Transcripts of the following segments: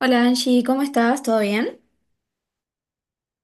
Hola Angie, ¿cómo estás? ¿Todo bien?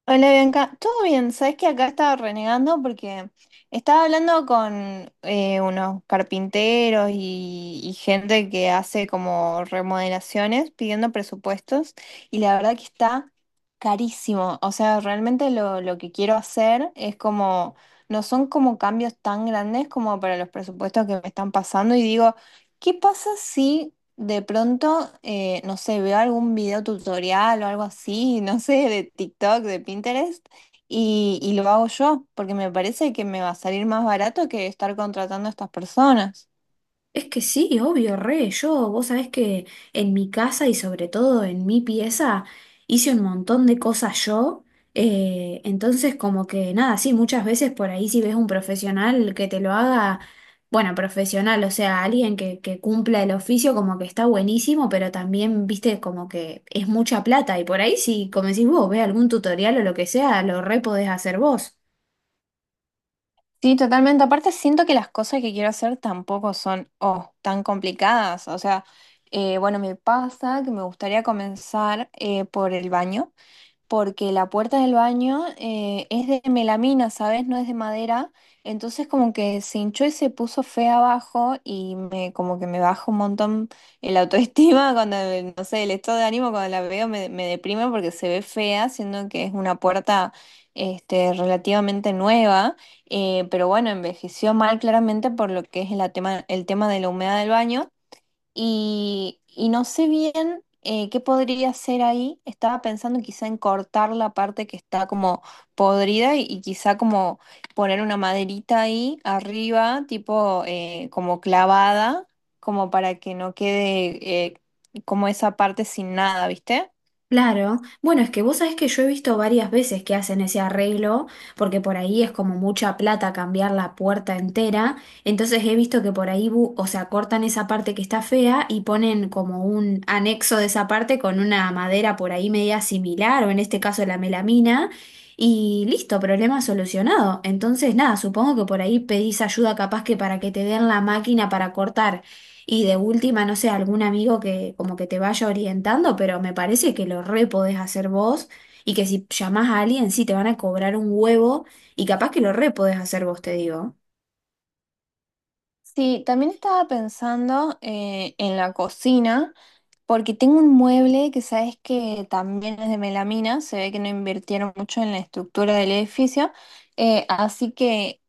Hola Bianca, todo bien, sabes que acá estaba renegando porque estaba hablando con unos carpinteros y gente que hace como remodelaciones pidiendo presupuestos y la verdad que está carísimo, o sea, realmente lo que quiero hacer es como, no son como cambios tan grandes como para los presupuestos que me están pasando y digo, ¿qué pasa si de pronto, no sé, veo algún video tutorial o algo así, no sé, de TikTok, de Pinterest, y lo hago yo, porque me parece que me va a salir más barato que estar contratando a estas personas. Es que sí, obvio, re. Yo, vos sabés que en mi casa y sobre todo en mi pieza hice un montón de cosas yo. Entonces, como que nada, sí, muchas veces por ahí si ves un profesional que te lo haga, bueno, profesional, o sea, alguien que cumpla el oficio, como que está buenísimo, pero también, viste, como que es mucha plata. Y por ahí si, como decís vos, ves algún tutorial o lo que sea, lo re podés hacer vos. Sí, totalmente. Aparte, siento que las cosas que quiero hacer tampoco son, oh, tan complicadas. O sea, bueno, me pasa que me gustaría comenzar por el baño. Porque la puerta del baño es de melamina, ¿sabes? No es de madera. Entonces como que se hinchó y se puso fea abajo y me, como que me baja un montón el autoestima cuando, no sé, el estado de ánimo cuando la veo me, me deprime porque se ve fea, siendo que es una puerta este, relativamente nueva. Pero bueno, envejeció mal claramente por lo que es el tema de la humedad del baño. Y no sé bien qué podría hacer ahí. Estaba pensando quizá en cortar la parte que está como podrida y quizá como poner una maderita ahí arriba, tipo como clavada, como para que no quede como esa parte sin nada, ¿viste? Claro, bueno, es que vos sabés que yo he visto varias veces que hacen ese arreglo, porque por ahí es como mucha plata cambiar la puerta entera, entonces he visto que por ahí, o sea, cortan esa parte que está fea y ponen como un anexo de esa parte con una madera por ahí media similar, o en este caso la melamina, y listo, problema solucionado. Entonces, nada, supongo que por ahí pedís ayuda capaz que para que te den la máquina para cortar. Y de última, no sé, algún amigo que como que te vaya orientando, pero me parece que lo re podés hacer vos y que si llamás a alguien sí te van a cobrar un huevo y capaz que lo re podés hacer vos, te digo. Sí, también estaba pensando en la cocina, porque tengo un mueble que sabes que también es de melamina, se ve que no invirtieron mucho en la estructura del edificio, así que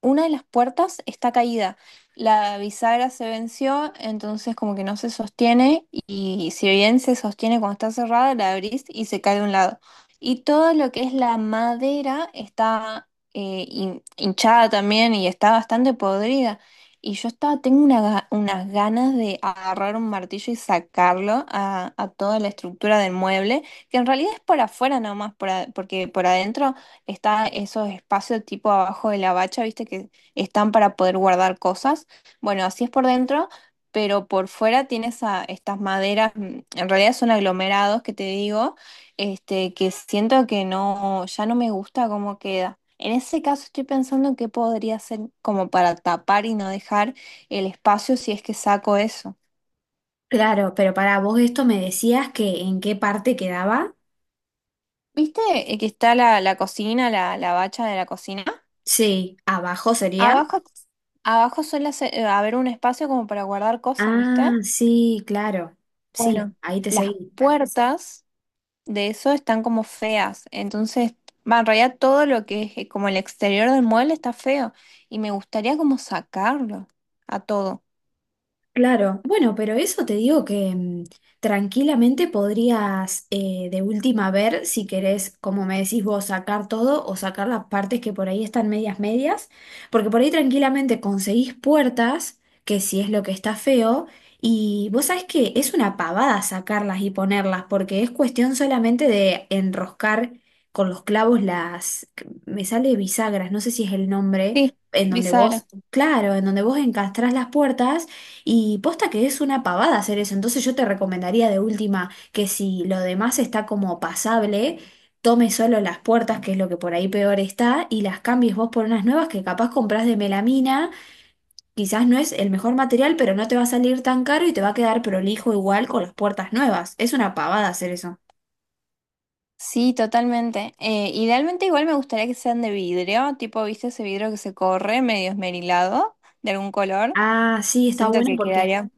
una de las puertas está caída. La bisagra se venció, entonces como que no se sostiene y si bien se sostiene cuando está cerrada, la abrís y se cae de un lado. Y todo lo que es la madera está hinchada también y está bastante podrida. Y yo estaba, tengo una unas ganas de agarrar un martillo y sacarlo a toda la estructura del mueble, que en realidad es por afuera nomás, porque por adentro está esos espacios tipo abajo de la bacha, viste, que están para poder guardar cosas. Bueno, así es por dentro, pero por fuera tienes a estas maderas, en realidad son aglomerados que te digo, este, que siento que no, ya no me gusta cómo queda. En ese caso estoy pensando en qué podría hacer como para tapar y no dejar el espacio si es que saco eso. Claro, pero para vos esto me decías que en qué parte quedaba. ¿Viste que está la cocina, la bacha de la cocina? Sí, abajo sería. Abajo, abajo suele haber un espacio como para guardar cosas, ¿viste? Ah, sí, claro. Sí, Bueno, ahí te las seguí. puertas de eso están como feas, entonces, va, en realidad todo lo que es como el exterior del mueble está feo y me gustaría como sacarlo a todo. Claro, bueno, pero eso te digo que mm, tranquilamente podrías de última ver si querés, como me decís vos, sacar todo o sacar las partes que por ahí están medias medias, porque por ahí tranquilamente conseguís puertas, que si es lo que está feo, y vos sabés que es una pavada sacarlas y ponerlas, porque es cuestión solamente de enroscar con los clavos las, me sale bisagras, no sé si es el nombre, Sí, en donde vos... bisagra. Claro, en donde vos encastrás las puertas y posta que es una pavada hacer eso, entonces yo te recomendaría de última que si lo demás está como pasable, tomes solo las puertas, que es lo que por ahí peor está, y las cambies vos por unas nuevas que capaz compras de melamina, quizás no es el mejor material, pero no te va a salir tan caro y te va a quedar prolijo igual con las puertas nuevas. Es una pavada hacer eso. Sí, totalmente. Idealmente igual me gustaría que sean de vidrio, tipo, ¿viste ese vidrio que se corre medio esmerilado de algún color? Ah, sí, está Siento bueno que porque quedaría.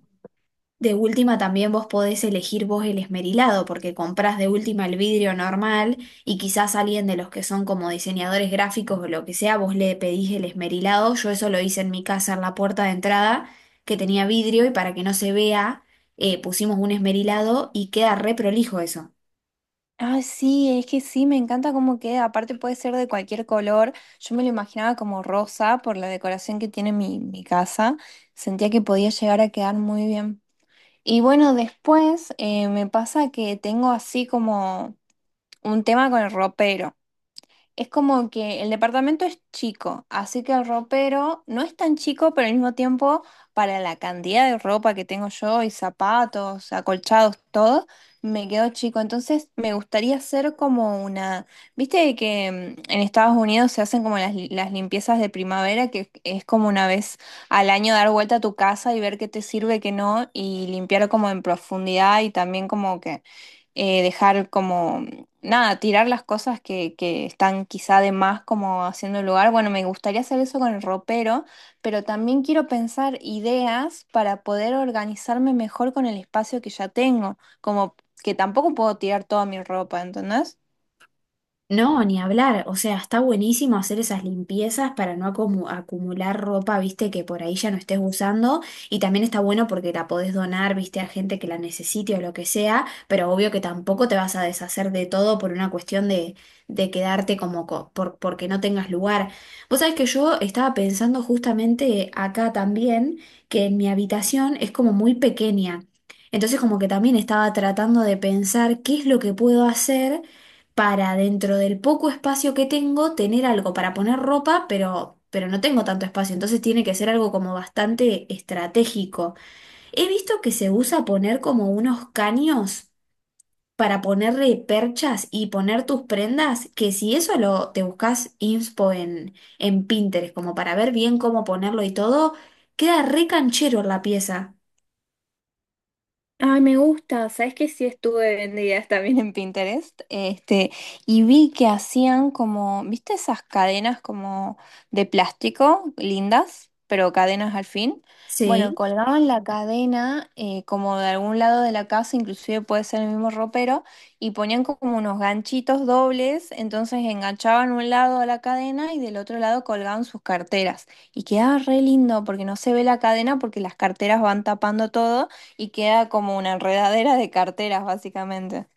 de última también vos podés elegir vos el esmerilado, porque comprás de última el vidrio normal y quizás alguien de los que son como diseñadores gráficos o lo que sea, vos le pedís el esmerilado. Yo eso lo hice en mi casa en la puerta de entrada, que tenía vidrio y para que no se vea, pusimos un esmerilado y queda re prolijo eso. Ah, sí, es que sí, me encanta cómo queda. Aparte puede ser de cualquier color. Yo me lo imaginaba como rosa por la decoración que tiene mi casa. Sentía que podía llegar a quedar muy bien. Y bueno, después me pasa que tengo así como un tema con el ropero. Es como que el departamento es chico, así que el ropero no es tan chico, pero al mismo tiempo, para la cantidad de ropa que tengo yo y zapatos, acolchados, todo, me quedó chico. Entonces, me gustaría hacer como una, viste que en Estados Unidos se hacen como las limpiezas de primavera, que es como una vez al año dar vuelta a tu casa y ver qué te sirve, qué no, y limpiar como en profundidad y también como que dejar como nada, tirar las cosas que están quizá de más como haciendo el lugar. Bueno, me gustaría hacer eso con el ropero, pero también quiero pensar ideas para poder organizarme mejor con el espacio que ya tengo, como que tampoco puedo tirar toda mi ropa, ¿entendés? No, ni hablar. O sea, está buenísimo hacer esas limpiezas para no acumular ropa, viste, que por ahí ya no estés usando. Y también está bueno porque la podés donar, viste, a gente que la necesite o lo que sea. Pero obvio que tampoco te vas a deshacer de todo por una cuestión de quedarte como porque no tengas lugar. Vos sabés que yo estaba pensando justamente acá también que en mi habitación es como muy pequeña. Entonces como que también estaba tratando de pensar qué es lo que puedo hacer para dentro del poco espacio que tengo tener algo para poner ropa, pero no tengo tanto espacio, entonces tiene que ser algo como bastante estratégico. He visto que se usa poner como unos caños para ponerle perchas y poner tus prendas, que si eso lo te buscas inspo en Pinterest, como para ver bien cómo ponerlo y todo, queda re canchero la pieza. Ay, me gusta. Sabes que sí estuve viendo también en Pinterest. Este, y vi que hacían como, ¿viste esas cadenas como de plástico, lindas, pero cadenas al fin? Bueno, Sí. colgaban la cadena como de algún lado de la casa, inclusive puede ser el mismo ropero, y ponían como unos ganchitos dobles, entonces enganchaban un lado a la cadena y del otro lado colgaban sus carteras. Y quedaba re lindo porque no se ve la cadena porque las carteras van tapando todo. Y queda como una enredadera de carteras, básicamente.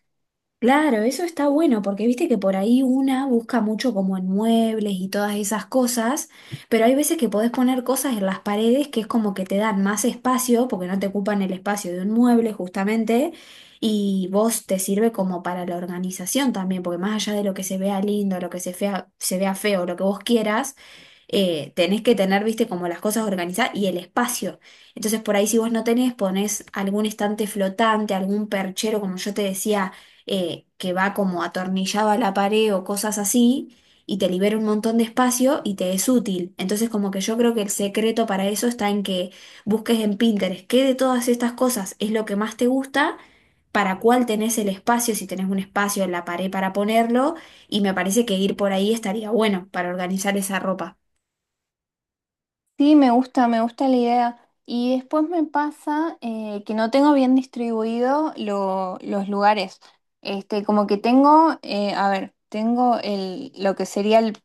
Claro, eso está bueno porque viste que por ahí una busca mucho como en muebles y todas esas cosas, pero hay veces que podés poner cosas en las paredes que es como que te dan más espacio porque no te ocupan el espacio de un mueble justamente y vos te sirve como para la organización también, porque más allá de lo que se vea lindo, lo que se vea feo, lo que vos quieras, tenés que tener, viste, como las cosas organizadas y el espacio. Entonces, por ahí si vos no tenés, ponés algún estante flotante, algún perchero, como yo te decía, que va como atornillado a la pared o cosas así, y te libera un montón de espacio y te es útil. Entonces, como que yo creo que el secreto para eso está en que busques en Pinterest qué de todas estas cosas es lo que más te gusta, para cuál tenés el espacio, si tenés un espacio en la pared para ponerlo, y me parece que ir por ahí estaría bueno para organizar esa ropa. Sí, me gusta la idea. Y después me pasa que no tengo bien distribuido los lugares. Este, como que tengo, a ver, tengo el, lo que sería el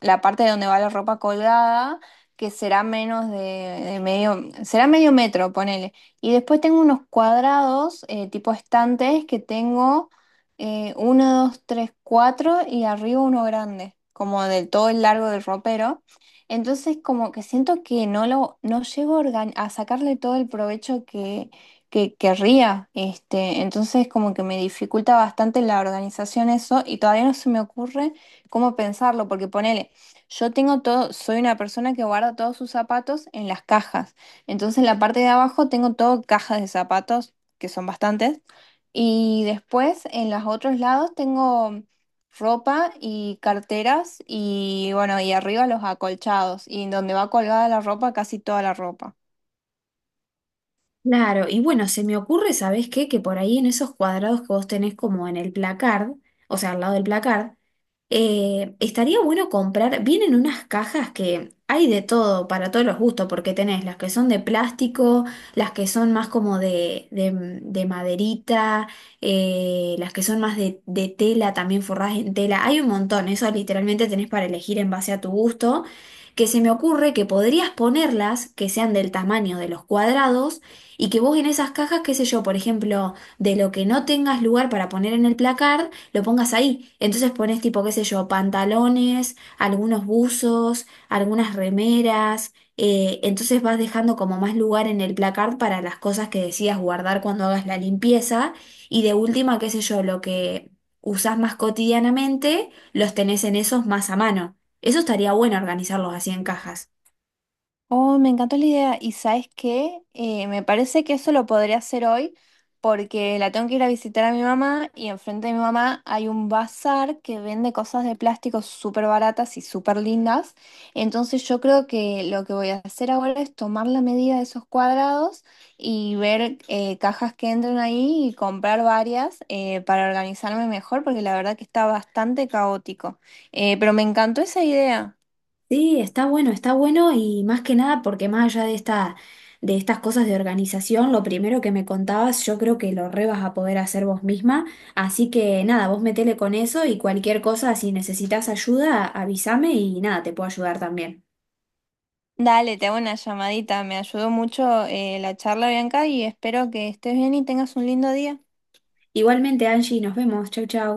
la parte de donde va la ropa colgada, que será menos de medio, será medio metro, ponele. Y después tengo unos cuadrados, tipo estantes, que tengo uno, dos, tres, cuatro y arriba uno grande, como del todo el largo del ropero. Entonces como que siento que no lo, no llego a a sacarle todo el provecho que querría. Este, entonces como que me dificulta bastante la organización eso y todavía no se me ocurre cómo pensarlo, porque ponele. Yo tengo todo, soy una persona que guarda todos sus zapatos en las cajas. Entonces, en la parte de abajo tengo todo cajas de zapatos, que son bastantes. Y después, en los otros lados, tengo ropa y carteras y, bueno, y arriba los acolchados. Y en donde va colgada la ropa, casi toda la ropa. Claro, y bueno, se me ocurre, ¿sabés qué? Que por ahí en esos cuadrados que vos tenés como en el placard, o sea, al lado del placard, estaría bueno comprar, vienen unas cajas que hay de todo, para todos los gustos, porque tenés las que son de plástico, las que son más como de maderita, las que son más de tela, también forradas en tela, hay un montón, eso literalmente tenés para elegir en base a tu gusto, que se me ocurre que podrías ponerlas, que sean del tamaño de los cuadrados, y que vos en esas cajas, qué sé yo, por ejemplo, de lo que no tengas lugar para poner en el placard, lo pongas ahí. Entonces pones tipo, qué sé yo, pantalones, algunos buzos, algunas remeras. Entonces vas dejando como más lugar en el placard para las cosas que decidas guardar cuando hagas la limpieza. Y de última, qué sé yo, lo que usás más cotidianamente, los tenés en esos más a mano. Eso estaría bueno organizarlos así en cajas. Oh, me encantó la idea. ¿Y sabes qué? Me parece que eso lo podría hacer hoy porque la tengo que ir a visitar a mi mamá y enfrente de mi mamá hay un bazar que vende cosas de plástico súper baratas y súper lindas. Entonces yo creo que lo que voy a hacer ahora es tomar la medida de esos cuadrados y ver cajas que entren ahí y comprar varias para organizarme mejor porque la verdad que está bastante caótico. Pero me encantó esa idea. Sí, está bueno y más que nada porque más allá de de estas cosas de organización, lo primero que me contabas, yo creo que lo re vas a poder hacer vos misma. Así que nada, vos metele con eso y cualquier cosa, si necesitas ayuda, avísame y nada, te puedo ayudar también. Dale, te hago una llamadita. Me ayudó mucho la charla, Bianca, y espero que estés bien y tengas un lindo día. Igualmente, Angie, nos vemos. Chau, chau.